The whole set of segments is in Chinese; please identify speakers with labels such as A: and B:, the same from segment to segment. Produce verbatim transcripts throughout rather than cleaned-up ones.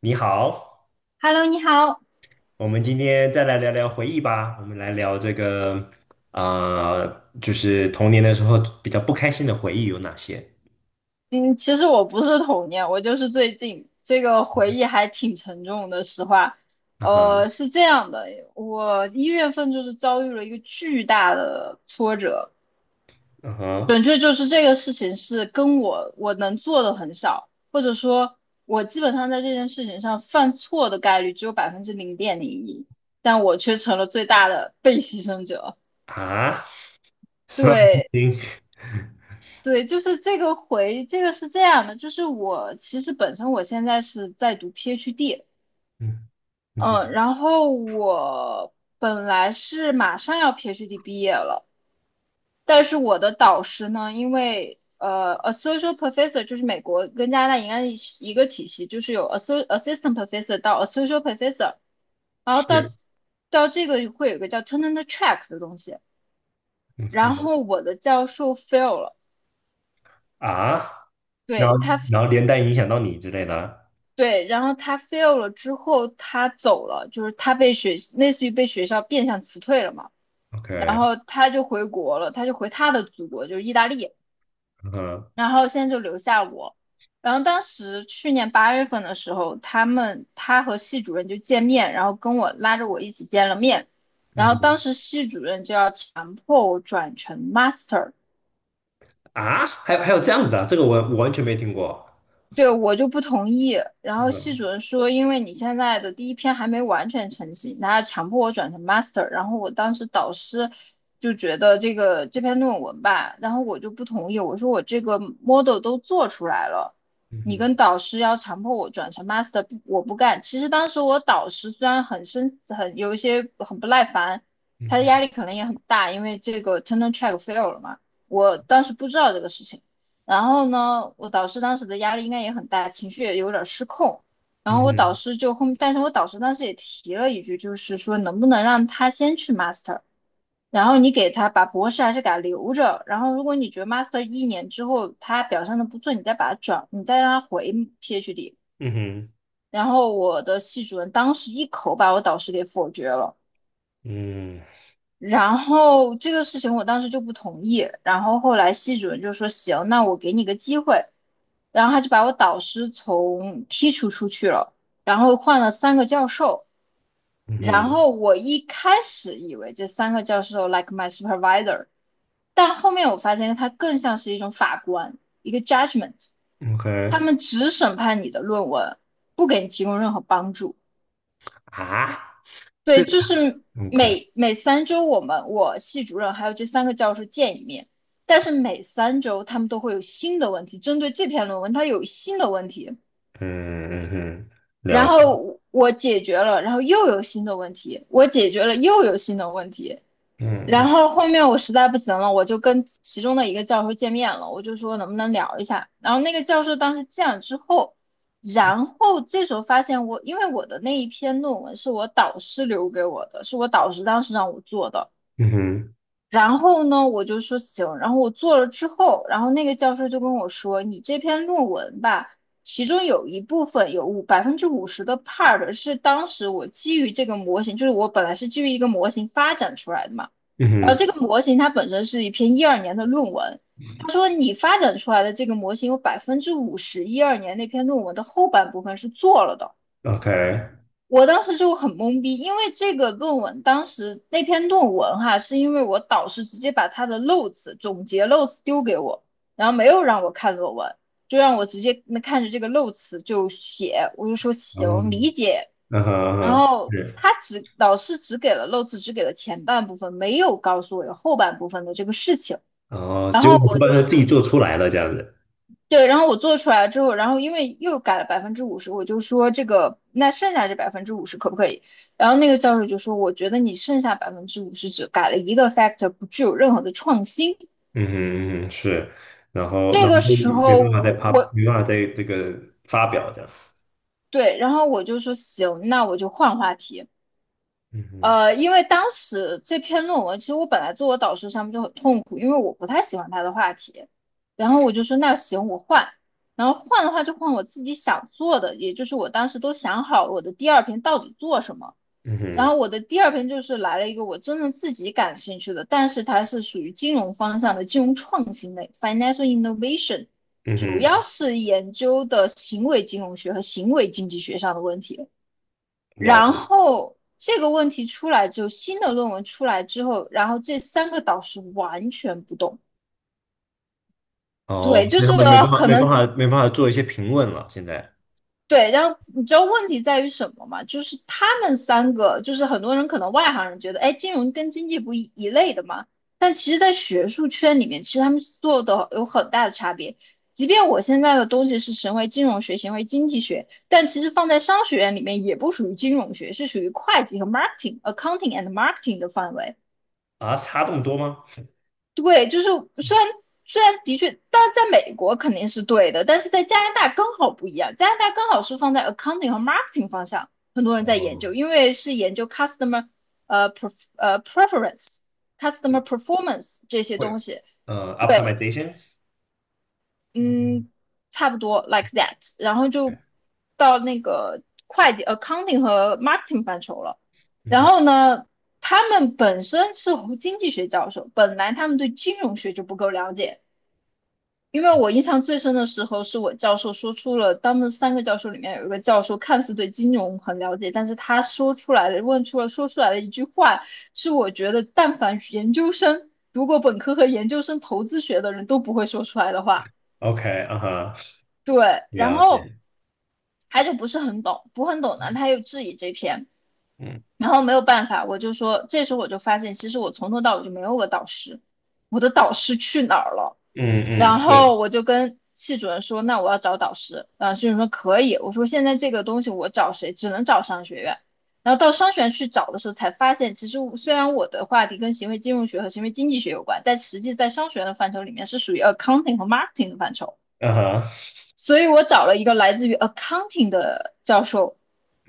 A: 你好，
B: Hello，你好。
A: 我们今天再来聊聊回忆吧。我们来聊这个，啊，就是童年的时候比较不开心的回忆有哪些？
B: 嗯，其实我不是童年，我就是最近这个回忆还挺沉重的。实话，
A: 啊哈，
B: 呃，是这样的，我一月份就是遭遇了一个巨大的挫折，
A: 啊
B: 准
A: 哈，
B: 确就是这个事情是跟我我能做的很少，或者说，我基本上在这件事情上犯错的概率只有百分之零点零一，但我却成了最大的被牺牲者。
A: 啊，所
B: 对，
A: 以，
B: 对，就是这个回，这个是这样的，就是我其实本身我现在是在读 PhD，
A: 嗯嗯
B: 嗯，
A: 哼，
B: 然后我本来是马上要 PhD 毕业了，但是我的导师呢，因为呃，associate professor 就是美国跟加拿大应该是一个体系，就是有 asso- assistant professor 到 associate professor,然后到
A: 是，
B: 到这个会有一个叫 tenure track 的东西，
A: 嗯
B: 然
A: 哼，
B: 后我的教授 fail 了。
A: 啊，然
B: 对，
A: 后
B: 他
A: 然后连带影响到你之类的。
B: 对，然后他 fail 了之后，他走了，就是他被学，类似于被学校变相辞退了嘛。然
A: OK，
B: 后他就回国了，他就回他的祖国，就是意大利。
A: 嗯哼，
B: 然后现在就留下我。然后当时去年八月份的时候，他们他和系主任就见面，然后跟我拉着我一起见了面。
A: 嗯
B: 然后
A: 哼，
B: 当时系主任就要强迫我转成 master,
A: 啊，还有还有这样子的，这个我我完全没听过。
B: 对，我就不同意。然
A: 嗯
B: 后系
A: 哼，
B: 主任说，因为你现在的第一篇还没完全成型，然要强迫我转成 master。然后我当时导师就觉得这个这篇论文吧，然后我就不同意。我说我这个 model 都做出来了，
A: 嗯
B: 你
A: 哼，
B: 跟导师要强迫我转成 master,不我不干。其实当时我导师虽然很生很有一些很不耐烦，他的
A: 嗯
B: 压力可能也很大，因为这个 tenure track fail 了嘛。我当时不知道这个事情。然后呢，我导师当时的压力应该也很大，情绪也有点儿失控。然后我导
A: 哼，
B: 师就后，但是我导师当时也提了一句，就是说能不能让他先去 master,然后你给他把博士还是给他留着。然后如果你觉得 master 一年之后他表现的不错，你再把他转，你再让他回 PhD。
A: 嗯哼，嗯哼，
B: 然后我的系主任当时一口把我导师给否决了。然后这个事情我当时就不同意，然后后来系主任就说行，那我给你个机会，然后他就把我导师从剔除出去了，然后换了三个教授，
A: 嗯哼
B: 然
A: 嗯
B: 后我一开始以为这三个教授 like my supervisor,但后面我发现他更像是一种法官，一个 judgment,
A: o k
B: 他们只审判你的论文，不给你提供任何帮助。
A: 啊
B: 对，
A: 对
B: 就是
A: ，OK，
B: 每每三周我们我系主任还有这三个教授见一面，但是每三周他们都会有新的问题，针对这篇论文它有新的问题，
A: 嗯嗯哼，嗯
B: 然
A: 了解，
B: 后我解决了，然后又有新的问题，我解决了又有新的问题，
A: 嗯
B: 然
A: 嗯
B: 后后面我实在不行了，我就跟其中的一个教授见面了，我就说能不能聊一下。然后那个教授当时见了之后，然后这时候发现我，因为我的那一篇论文是我导师留给我的，是我导师当时让我做的。
A: 嗯哼
B: 然后呢，我就说行。然后我做了之后，然后那个教授就跟我说，你这篇论文吧，其中有一部分有五百分之五十的 part 是当时我基于这个模型，就是我本来是基于一个模型发展出来的嘛。
A: 嗯
B: 然后
A: 哼
B: 这个模型它本身是一篇一二年的论文，他说你发展出来的这个模型有百分之五十一二年那篇论文的后半部分是做了的。
A: ，OK，
B: 我当时就很懵逼，因为这个论文当时那篇论文哈，是因为我导师直接把他的漏词总结漏词丢给我，然后没有让我看论文，就让我直接那看着这个漏词就写，我就说行，
A: 嗯
B: 理解
A: 嗯哼
B: 然
A: 嗯哼，
B: 后
A: 是，
B: 他只老师只给了漏字，只给了前半部分，没有告诉我有后半部分的这个事情。
A: 然后
B: 然
A: 结
B: 后
A: 果你
B: 我
A: 不把
B: 就
A: 它自己
B: 说，
A: 做出来了这样子，
B: 对，然后我做出来之后，然后因为又改了百分之五十，我就说这个那剩下这百分之五十可不可以？然后那个教授就说，我觉得你剩下百分之五十只改了一个 factor,不具有任何的创新。
A: 嗯哼嗯哼是，然后
B: 这
A: 然后
B: 个
A: 就
B: 时
A: 没
B: 候
A: 办法再
B: 我
A: 发，
B: 我
A: 没办法再这个发表这样，
B: 对，然后我就说行，那我就换话题。
A: 嗯哼
B: 呃，因为当时这篇论文，其实我本来做我导师上面就很痛苦，因为我不太喜欢他的话题，然后我就说那行我换，然后换的话就换我自己想做的，也就是我当时都想好了我的第二篇到底做什么，
A: 嗯
B: 然
A: 哼
B: 后我的第二篇就是来了一个我真正自己感兴趣的，但是它是属于金融方向的金融创新类 （(financial innovation),
A: 嗯
B: 主要
A: 哼，
B: 是研究的行为金融学和行为经济学上的问题。
A: 了
B: 然
A: 解，
B: 后这个问题出来之后，新的论文出来之后，然后这三个导师完全不动。
A: 哦，
B: 对，就
A: 所以他
B: 是
A: 们没办法
B: 可
A: 没
B: 能
A: 办法没办法做一些评论了，现在
B: 对，然后你知道问题在于什么吗？就是他们三个，就是很多人可能外行人觉得，哎，金融跟经济不一一类的嘛，但其实，在学术圈里面，其实他们做的有很大的差别。即便我现在的东西是行为金融学，行为经济学，但其实放在商学院里面也不属于金融学，是属于会计和 marketing、accounting and marketing 的范围。
A: 啊，差这么多吗？
B: 对，就是虽然虽然的确，但是在美国肯定是对的，但是在加拿大刚好不一样，加拿大刚好是放在 accounting 和 marketing 方向，很多人在研
A: 哦，
B: 究，因为是研究 customer 呃 pref 呃 preference、customer performance 这些
A: 会
B: 东西。
A: 呃
B: 对，
A: ，optimization。s 嗯，
B: 嗯，差不多 like that,然后就
A: 对，
B: 到那个会计 accounting 和 marketing 范畴了。
A: 嗯
B: 然
A: 哼
B: 后呢，他们本身是经济学教授，本来他们对金融学就不够了解。因为我印象最深的时候，是我教授说出了他们三个教授里面有一个教授看似对金融很了解，但是他说出来的问出了说出来的一句话，是我觉得但凡研究生读过本科和研究生投资学的人都不会说出来的话。
A: ，OK，啊哈，
B: 对，然
A: 了
B: 后
A: 解，
B: 他就不是很懂，不很懂呢，他又质疑这篇，
A: 嗯
B: 然后没有办法，我就说，这时候我就发现，其实我从头到尾就没有个导师，我的导师去哪儿了？
A: 嗯嗯，
B: 然后
A: 是，
B: 我就跟系主任说，那我要找导师。然后系主任说可以。我说现在这个东西我找谁？只能找商学院。然后到商学院去找的时候，才发现其实虽然我的话题跟行为金融学和行为经济学有关，但实际在商学院的范畴里面是属于 accounting 和 marketing 的范畴。
A: 啊哈，
B: 所以我找了一个来自于 accounting 的教授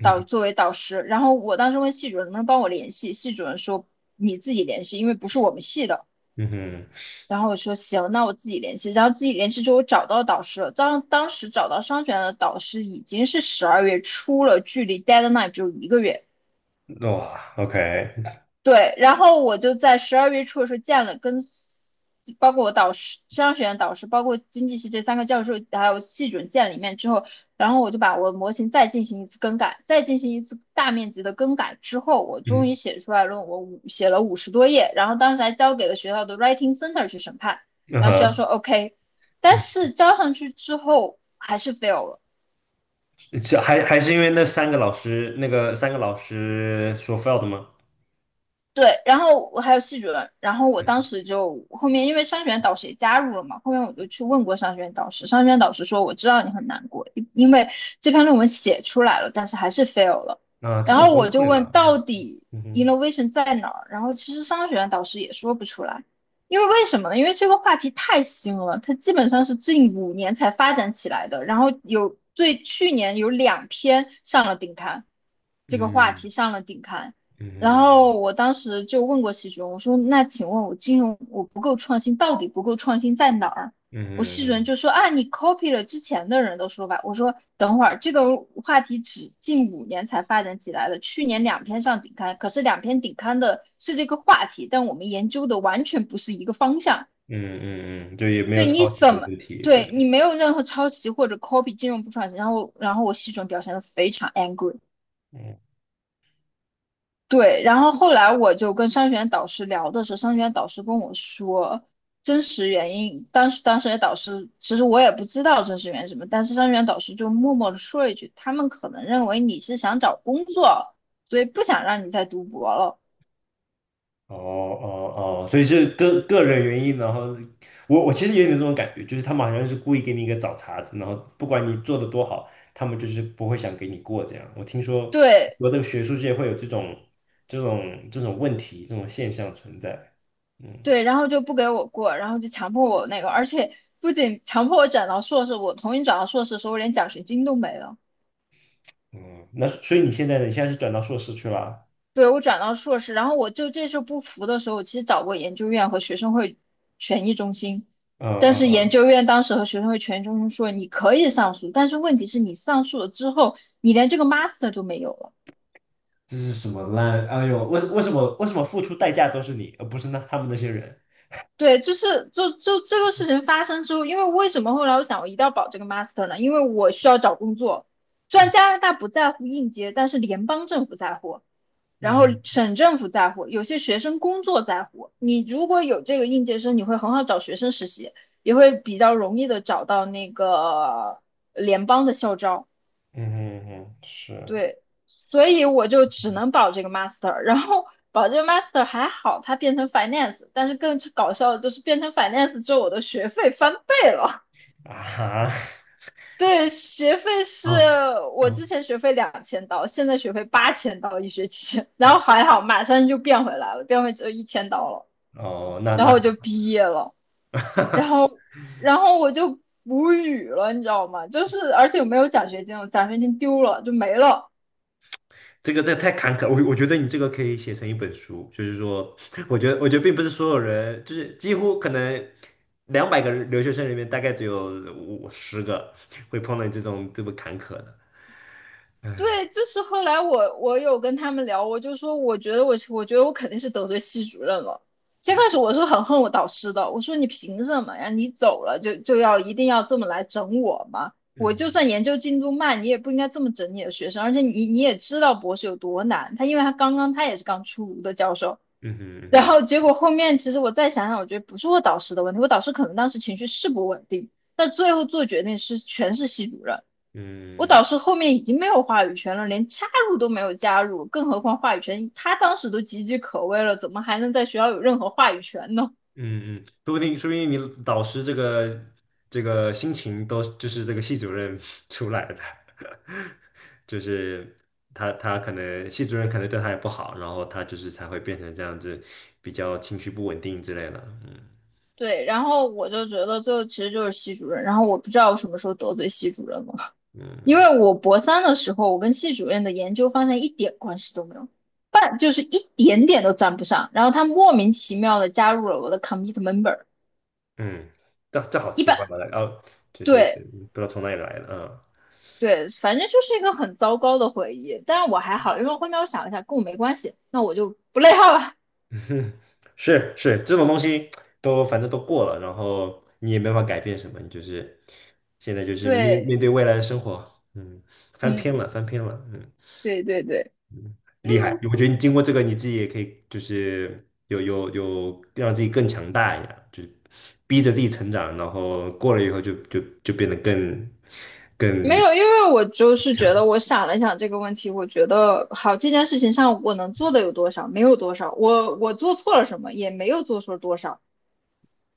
B: 导作为导师。然后我当时问系主任能不能帮我联系，系主任说你自己联系，因为不是我们系的。
A: 嗯
B: 然后我说行，那我自己联系。然后自己联系之后，我找到导师了。当当时找到商学院的导师已经是十二月初了，距离 deadline 只有一个月。
A: 哼，哇，OK，
B: 对，然后我就在十二月初的时候见了跟，包括我导师、商学院导师，包括经济系这三个教授，还有系准任见了一面之后，然后我就把我的模型再进行一次更改，再进行一次大面积的更改之后，我终
A: 嗯
B: 于写出来论文，五写了五十多页，然后当时还交给了学校的 Writing Center 去审判，
A: 嗯
B: 然后学校说
A: 哼，
B: OK，但
A: 嗯
B: 是交上去之后还是 fail 了。
A: 这还还是因为那三个老师，那个三个老师说 fail e 的吗？
B: 对，然后我还有系主任，然后我当时就后面因为商学院导师也加入了嘛，后面我就去问过商学院导师，商学院导师说我知道你很难过，因因为这篇论文写出来了，但是还是 fail 了。
A: 啊，这
B: 然
A: 很
B: 后
A: 崩
B: 我就
A: 溃
B: 问
A: 吧？嗯
B: 到底
A: 嗯哼，
B: innovation 在哪儿，然后其实商学院导师也说不出来，因为为什么呢？因为这个话题太新了，它基本上是近五年才发展起来的，然后有对去年有两篇上了顶刊，这个话
A: 嗯
B: 题上了顶刊。
A: 嗯
B: 然后
A: 嗯
B: 我当时就问过系主任，我说："那请问我金融我不够创新，到底不够创新在哪儿？"
A: 嗯
B: 我系
A: 嗯
B: 主任
A: 嗯
B: 就说："啊，你 copy 了之前的人的说法。"我说："等会儿这个话题只近五年才发展起来的，去年两篇上顶刊，可是两篇顶刊的是这个话题，但我们研究的完全不是一个方向。
A: 嗯嗯，嗯就也没有
B: 对，你
A: 抄袭的
B: 怎么
A: 问题，对，
B: 对你没有任何抄袭或者 copy 金融不创新？"然后，然后我系主任表现得非常 angry。对，然后后来我就跟商学院导师聊的时候，商学院导师跟我说真实原因。当时当时的导师其实我也不知道真实原因是什么，但是商学院导师就默默的说了一句，他们可能认为你是想找工作，所以不想让你再读博了。
A: 哦哦哦，所以是个个人原因，然后我我其实也有点这种感觉，就是他们好像是故意给你一个找茬子，然后不管你做的多好，他们就是不会想给你过这样。我听说
B: 对
A: 我的学术界会有这种这种这种问题，这种现象存在。嗯
B: 对，然后就不给我过，然后就强迫我那个，而且不仅强迫我转到硕士，我同意转到硕士的时候，我连奖学金都没了。
A: 嗯，那所以你现在呢？你现在是转到硕士去了？
B: 对，我转到硕士，然后我就这事不服的时候，我其实找过研究院和学生会权益中心，
A: 嗯
B: 但
A: 嗯
B: 是研
A: 嗯，
B: 究院当时和学生会权益中心说你可以上诉，但是问题是你上诉了之后，你连这个 master 都没有了。
A: 这是什么烂？哎呦，为为什么为什么付出代价都是你，而不是那他们那些人？
B: 对，就是就就这个事情发生之后，因为为什么后来我想我一定要保这个 master 呢？因为我需要找工作，虽然
A: 嗯
B: 加拿大不在乎应届，但是联邦政府在乎。然后
A: 嗯嗯
B: 省政府在乎，有些学生工作在乎。你如果有这个应届生，你会很好找学生实习，也会比较容易的找到那个联邦的校招。
A: 嗯嗯是
B: 对，所以我就只能保这个 master，然后保这个 master 还好，它变成 finance，但是更搞笑的就是变成 finance 之后，我的学费翻倍了。
A: 啊哈。
B: 对，学费是
A: 哦
B: 我
A: 哦
B: 之前学费两千刀，现在学费八千刀一学期，然后还好马上就变回来了，变回只有一千刀了。
A: 哦，那
B: 然后
A: 那
B: 我就毕业了，然后然后我就无语了，你知道吗？就是而且我没有奖学金，我奖学金丢了就没了。
A: 这个这太坎坷，我我觉得你这个可以写成一本书，就是说，我觉得我觉得并不是所有人，就是几乎可能两百个留学生里面，大概只有五十个会碰到这种这么坎坷的。嗯
B: 对，就是后来我我有跟他们聊，我就说我觉得我我觉得我肯定是得罪系主任了。先开始
A: 嗯
B: 我是很恨我导师的，我说你凭什么呀？你走了就就要一定要这么来整我吗？我就
A: 嗯
B: 算研究进度慢，你也不应该这么整你的学生，而且你你也知道博士有多难，他因为他刚刚他也是刚出炉的教授，
A: 嗯嗯
B: 然
A: 嗯，
B: 后结果后面其实我再想想，我觉得不是我导师的问题，我导师可能当时情绪是不稳定，但最后做决定是全是系主任。我
A: 嗯
B: 导师后面已经没有话语权了，连加入都没有加入，更何况话语权，他当时都岌岌可危了，怎么还能在学校有任何话语权呢？
A: 嗯嗯，说不定说不定你导师这个这个心情都就是这个系主任 出来的，就是他他可能系主任可能对他也不好，然后他就是才会变成这样子，比较情绪不稳定之类的。嗯
B: 对，然后我就觉得最后其实就是系主任，然后我不知道我什么时候得罪系主任了。因
A: 嗯
B: 为我博三的时候，我跟系主任的研究方向一点关系都没有，半就是一点点都沾不上。然后他莫名其妙的加入了我的 commit member，
A: 嗯，这这好
B: 一
A: 奇
B: 般
A: 怪吧？哦，就是
B: 对
A: 不知道从哪里来的。嗯
B: 对，反正就是一个很糟糕的回忆。但是我还好，因为后面我想了一下，跟我没关系，那我就不内耗了。
A: 是是，这种东西都反正都过了，然后你也没法改变什么，你就是现在就是面
B: 对，
A: 面对未来的生活，嗯，翻篇
B: 嗯，
A: 了，翻篇了，嗯，
B: 对对对，
A: 厉
B: 嗯，
A: 害！我觉得你经过这个，你自己也可以就是有有有让自己更强大一点，就是逼着自己成长，然后过了以后就就就变得更
B: 没
A: 更
B: 有，因为我就是觉
A: 强，
B: 得我想了想这个问题，我觉得好这件事情上我能做的有多少，没有多少，我我做错了什么，也没有做错多少。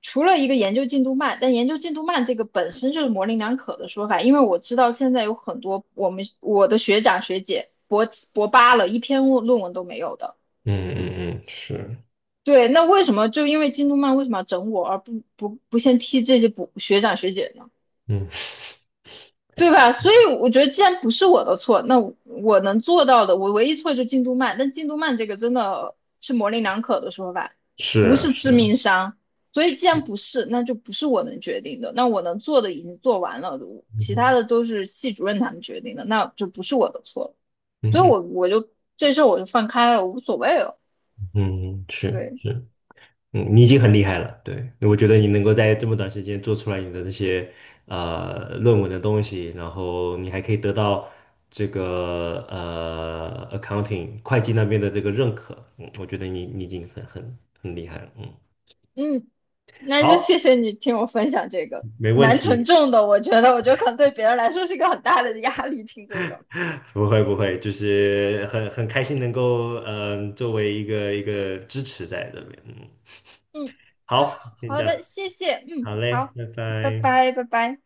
B: 除了一个研究进度慢，但研究进度慢这个本身就是模棱两可的说法，因为我知道现在有很多我们我的学长学姐博博八了，一篇论论文都没有的。
A: 嗯嗯嗯，是，
B: 对，那为什么就因为进度慢，为什么要整我，而不不不先批这些博学长学姐呢？
A: 嗯
B: 对吧？所以我觉得，既然不是我的错，那我我能做到的，我唯一错就进度慢。但进度慢这个真的是模棱两可的说法，不
A: 是
B: 是致
A: 是
B: 命伤。所以既然
A: 是，
B: 不是，那就不是我能决定的。那我能做的已经做完了，
A: 嗯
B: 其他
A: 哼
B: 的都是系主任他们决定的，那就不是我的错了。
A: 嗯
B: 所以
A: 哼
B: 我我就这事儿我就放开了，无所谓了。
A: 嗯哼是
B: 对，
A: 是。嗯，你已经很厉害了，对，我觉得你能够在这么短时间做出来你的那些呃论文的东西，然后你还可以得到这个呃 accounting 会计那边的这个认可，嗯，我觉得你你已经很很很厉害了，嗯，
B: 嗯，那就
A: 好，
B: 谢谢你听我分享这个，
A: 没问
B: 蛮沉
A: 题，
B: 重的，我觉得，我觉得可能对别人来说是一个很大的压力，听这个。
A: 不会不会，就是很很开心能够嗯、呃作为一个一个支持在这边，嗯，
B: 嗯，
A: 好，先这
B: 好
A: 样，
B: 的，谢谢，嗯，
A: 好嘞，
B: 好，
A: 拜
B: 拜
A: 拜。
B: 拜，拜拜。